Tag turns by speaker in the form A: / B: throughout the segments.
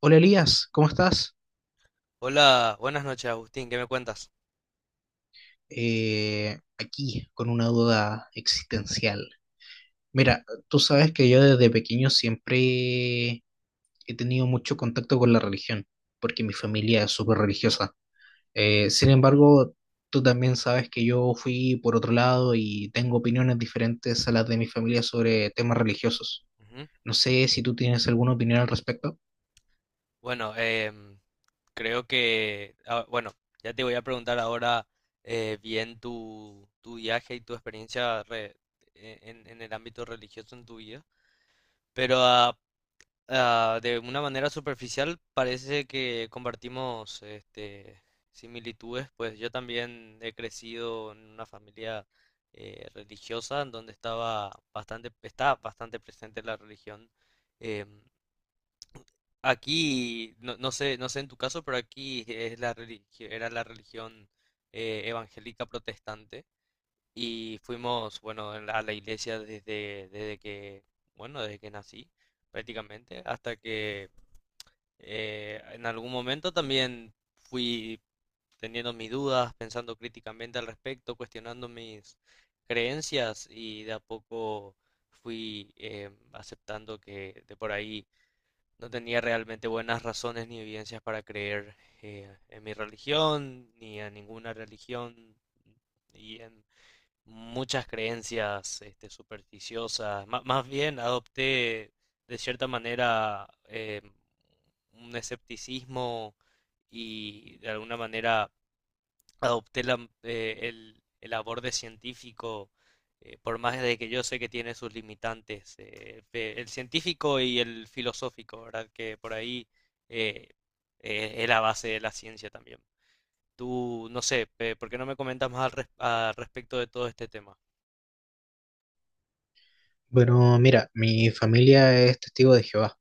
A: Hola Elías, ¿cómo estás?
B: Hola, buenas noches, Agustín, ¿qué me cuentas?
A: Aquí con una duda existencial. Mira, tú sabes que yo desde pequeño siempre he tenido mucho contacto con la religión, porque mi familia es súper religiosa. Sin embargo, tú también sabes que yo fui por otro lado y tengo opiniones diferentes a las de mi familia sobre temas religiosos.
B: Ujú.
A: No sé si tú tienes alguna opinión al respecto.
B: Bueno, creo que, bueno, ya te voy a preguntar ahora bien tu viaje y tu experiencia en el ámbito religioso en tu vida, pero de una manera superficial parece que compartimos similitudes, pues yo también he crecido en una familia religiosa en donde está bastante presente la religión. em, Aquí, no, no sé, no sé en tu caso, pero aquí era la religión evangélica protestante y fuimos, bueno, a la iglesia desde que, bueno, desde que nací prácticamente, hasta que en algún momento también fui teniendo mis dudas, pensando críticamente al respecto, cuestionando mis creencias y de a poco fui aceptando que de por ahí no tenía realmente buenas razones ni evidencias para creer en mi religión, ni a ninguna religión, y en muchas creencias supersticiosas. Más bien adopté de cierta manera un escepticismo y de alguna manera adopté el aborde científico, por más de que yo sé que tiene sus limitantes, el científico y el filosófico, ¿verdad? Que por ahí eh, es la base de la ciencia también. Tú, no sé, ¿por qué no me comentas más al respecto de todo este tema?
A: Bueno, mira, mi familia es testigo de Jehová.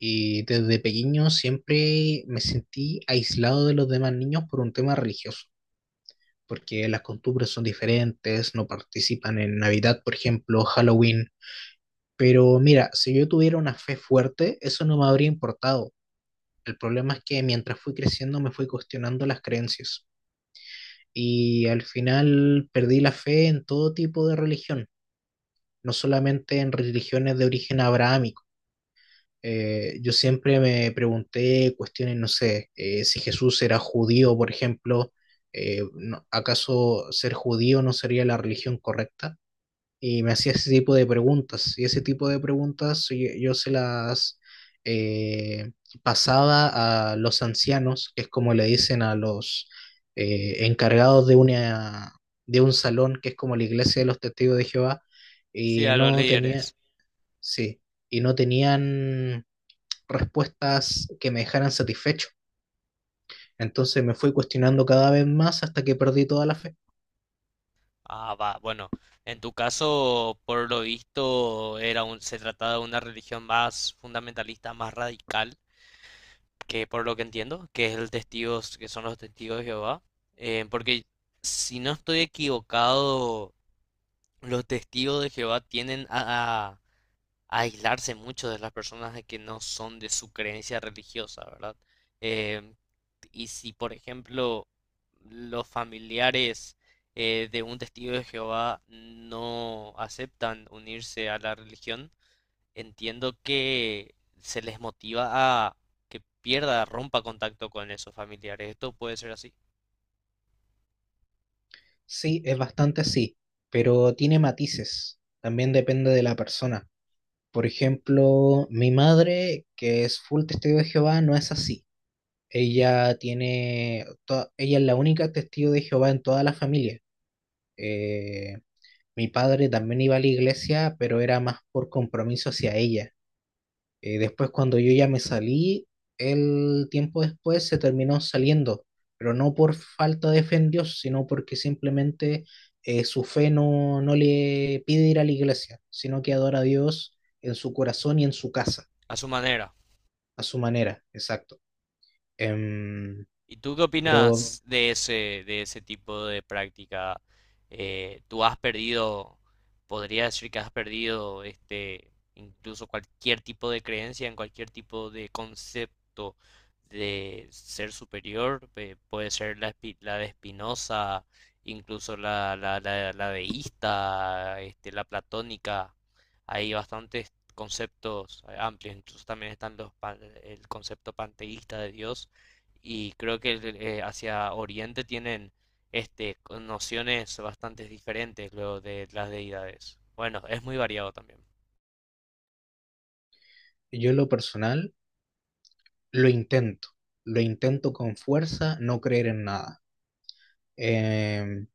A: Y desde pequeño siempre me sentí aislado de los demás niños por un tema religioso, porque las costumbres son diferentes, no participan en Navidad, por ejemplo, Halloween. Pero mira, si yo tuviera una fe fuerte, eso no me habría importado. El problema es que mientras fui creciendo me fui cuestionando las creencias y al final perdí la fe en todo tipo de religión, no solamente en religiones de origen abrahámico. Yo siempre me pregunté cuestiones, no sé, si Jesús era judío, por ejemplo, ¿acaso ser judío no sería la religión correcta? Y me hacía ese tipo de preguntas, y ese tipo de preguntas yo se las eh, pasaba a los ancianos, que es como le dicen a los encargados de una, de un salón, que es como la iglesia de los testigos de Jehová,
B: Sí,
A: y
B: a los
A: no tenía,
B: líderes.
A: sí, y no tenían respuestas que me dejaran satisfecho. Entonces me fui cuestionando cada vez más hasta que perdí toda la fe.
B: Ah, va, bueno, en tu caso, por lo visto, se trataba de una religión más fundamentalista, más radical que por lo que entiendo, que son los testigos de Jehová, porque si no estoy equivocado, los testigos de Jehová tienden a aislarse mucho de las personas de que no son de su creencia religiosa, ¿verdad? Em, y si, por ejemplo, los familiares de un testigo de Jehová no aceptan unirse a la religión, entiendo que se les motiva a que pierda, rompa contacto con esos familiares. Esto puede ser así,
A: Sí, es bastante así, pero tiene matices. También depende de la persona. Por ejemplo, mi madre, que es full testigo de Jehová, no es así. Ella tiene, ella es la única testigo de Jehová en toda la familia. Eh, mi padre también iba a la iglesia, pero era más por compromiso hacia ella. Después, cuando yo ya me salí, el tiempo después se terminó saliendo, pero no por falta de fe en Dios, sino porque simplemente su fe no le pide ir a la iglesia, sino que adora a Dios en su corazón y en su casa,
B: a su manera.
A: a su manera, exacto. Em,
B: ¿Y tú qué
A: pero
B: opinas de ese tipo de práctica? ¿Tú has perdido, podría decir que has perdido incluso cualquier tipo de creencia en cualquier tipo de concepto de ser superior? Puede ser la de Spinoza, incluso la deísta, la platónica. Hay bastantes conceptos amplios, incluso también están el concepto panteísta de Dios, y creo que hacia Oriente tienen con nociones bastante diferentes luego de las deidades. Bueno, es muy variado también.
A: yo en lo personal lo intento, lo intento con fuerza, no creer en nada. Em,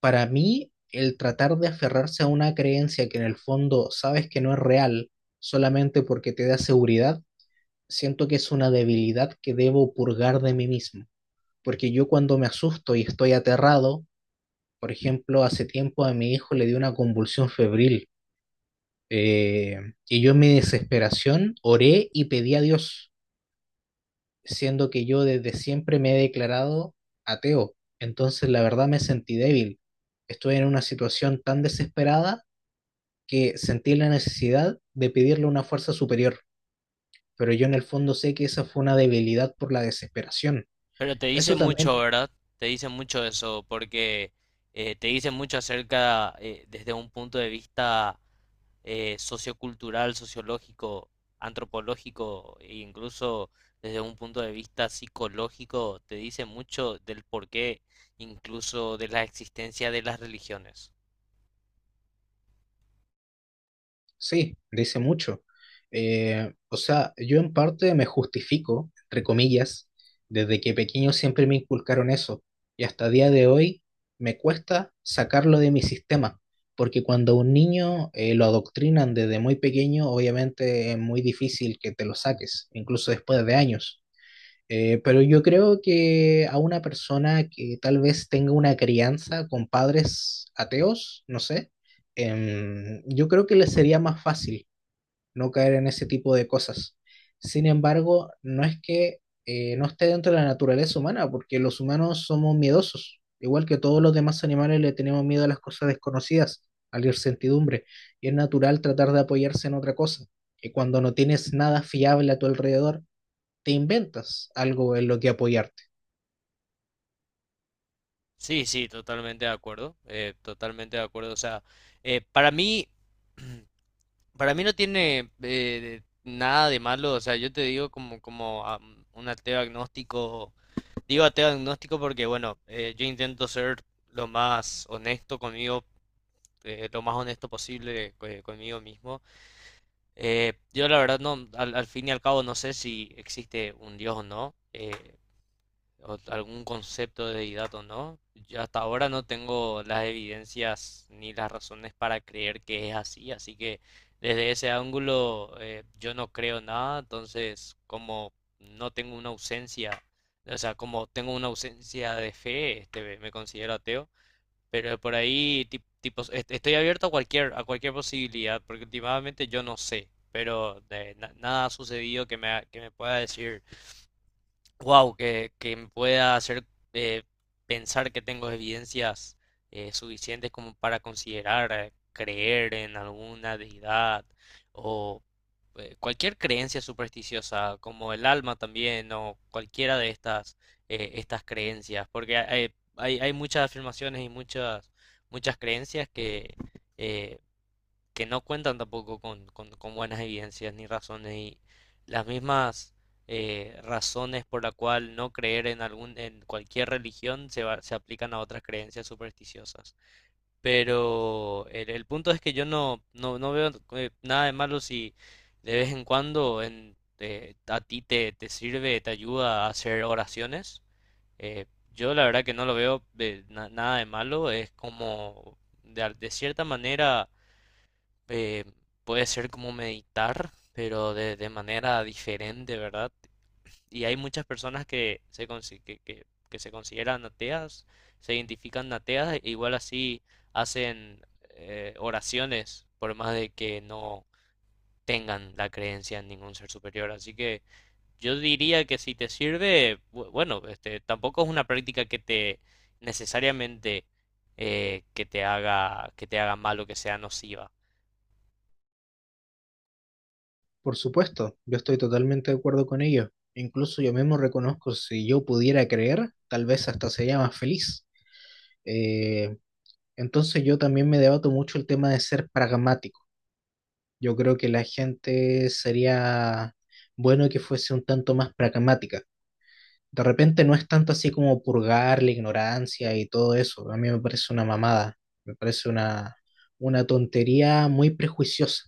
A: para mí, el tratar de aferrarse a una creencia que en el fondo sabes que no es real solamente porque te da seguridad, siento que es una debilidad que debo purgar de mí mismo. Porque yo cuando me asusto y estoy aterrado, por ejemplo, hace tiempo a mi hijo le dio una convulsión febril, eh, y yo en mi desesperación oré y pedí a Dios, siendo que yo desde siempre me he declarado ateo. Entonces la verdad me sentí débil. Estuve en una situación tan desesperada que sentí la necesidad de pedirle una fuerza superior, pero yo en el fondo sé que esa fue una debilidad por la desesperación.
B: Pero te dice
A: Eso
B: eso mucho,
A: también,
B: también, ¿verdad? Te dice mucho eso, porque te dice mucho acerca, desde un punto de vista sociocultural, sociológico, antropológico, e incluso desde un punto de vista psicológico, te dice mucho del porqué, incluso de la existencia de las religiones.
A: sí, dice mucho. O sea, yo en parte me justifico, entre comillas, desde que pequeño siempre me inculcaron eso, y hasta día de hoy me cuesta sacarlo de mi sistema, porque cuando a un niño lo adoctrinan desde muy pequeño, obviamente es muy difícil que te lo saques, incluso después de años. Pero yo creo que a una persona que tal vez tenga una crianza con padres ateos, no sé, yo creo que le sería más fácil no caer en ese tipo de cosas. Sin embargo, no es que no esté dentro de la naturaleza humana, porque los humanos somos miedosos, igual que todos los demás animales le tenemos miedo a las cosas desconocidas, a la incertidumbre, y es natural tratar de apoyarse en otra cosa. Y cuando no tienes nada fiable a tu alrededor, te inventas algo en lo que apoyarte.
B: Sí, sí, totalmente de acuerdo, totalmente de acuerdo. O sea, eh, para mí, para mí no tiene nada de malo. O sea, yo te digo como un ateo agnóstico. Digo ateo agnóstico porque, bueno, yo intento ser lo más honesto conmigo, lo más honesto posible conmigo mismo. Yo la verdad no, al fin y al cabo no sé si existe un Dios o no, o algún concepto de deidad o no. Yo hasta ahora no tengo las evidencias ni las razones para creer que es así, así que desde ese ángulo yo no creo nada, entonces como no tengo una ausencia, o sea, como tengo una ausencia de fe, me considero ateo, pero por ahí tipo, estoy abierto a cualquier posibilidad, porque últimamente yo no sé, pero nada ha sucedido que me, que me pueda decir wow, que me pueda hacer eh, pensar que tengo evidencias suficientes como para considerar creer en alguna deidad o cualquier creencia supersticiosa, como el alma también, o cualquiera de estas, estas creencias, porque hay muchas afirmaciones y muchas creencias eh, que no cuentan tampoco con buenas evidencias ni razones, y las mismas razones por la cual no creer en cualquier religión se aplican a otras creencias supersticiosas. Pero el punto es que yo no veo nada de malo si de vez en cuando a ti te sirve, te ayuda a hacer oraciones. Eh, yo la verdad que no lo veo nada de malo, es como de cierta manera eh, puede ser como meditar, pero de manera diferente, ¿verdad? Y hay muchas personas que se consideran ateas, se identifican ateas, e igual así hacen oraciones, por más de que no tengan la creencia en ningún ser superior. Así que yo diría que si te sirve, bueno, tampoco es una práctica que te necesariamente que te haga mal o que sea nociva.
A: Por supuesto, yo estoy totalmente de acuerdo con ello. Incluso yo mismo reconozco, si yo pudiera creer, tal vez hasta sería más feliz. Eh, entonces yo también me debato mucho el tema de ser pragmático. Yo creo que la gente sería bueno que fuese un tanto más pragmática. De repente no es tanto así como purgar la ignorancia y todo eso. A mí me parece una mamada, me parece una tontería muy prejuiciosa.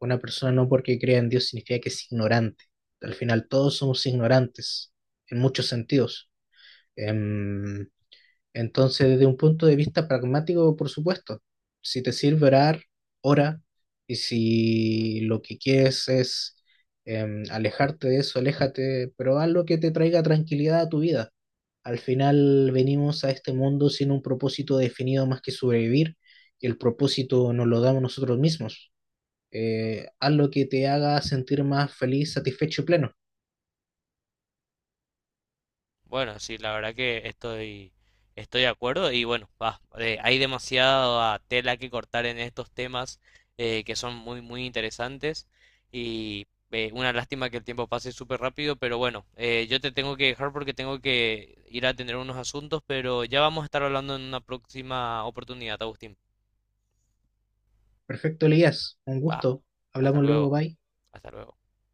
A: Una persona no porque crea en Dios significa que es ignorante. Al final todos somos ignorantes en muchos sentidos. Em, entonces, desde un punto de vista pragmático, por supuesto, si te sirve orar, ora. Y si lo que quieres es alejarte de eso, aléjate, pero haz lo que te traiga tranquilidad a tu vida. Al final venimos a este mundo sin un propósito definido más que sobrevivir, y el propósito nos lo damos nosotros mismos. Haz lo que te haga sentir más feliz, satisfecho y pleno.
B: Bueno, sí, la verdad estoy de acuerdo y bueno, va, hay demasiada tela que cortar en estos temas que son muy, muy interesantes y una lástima que el tiempo pase súper rápido, pero bueno, yo te tengo que dejar porque tengo que ir a atender unos asuntos, pero ya vamos a estar hablando en una próxima oportunidad, Agustín.
A: Perfecto, Elías. Un
B: Va,
A: gusto.
B: hasta
A: Hablamos luego,
B: luego,
A: bye.
B: hasta luego.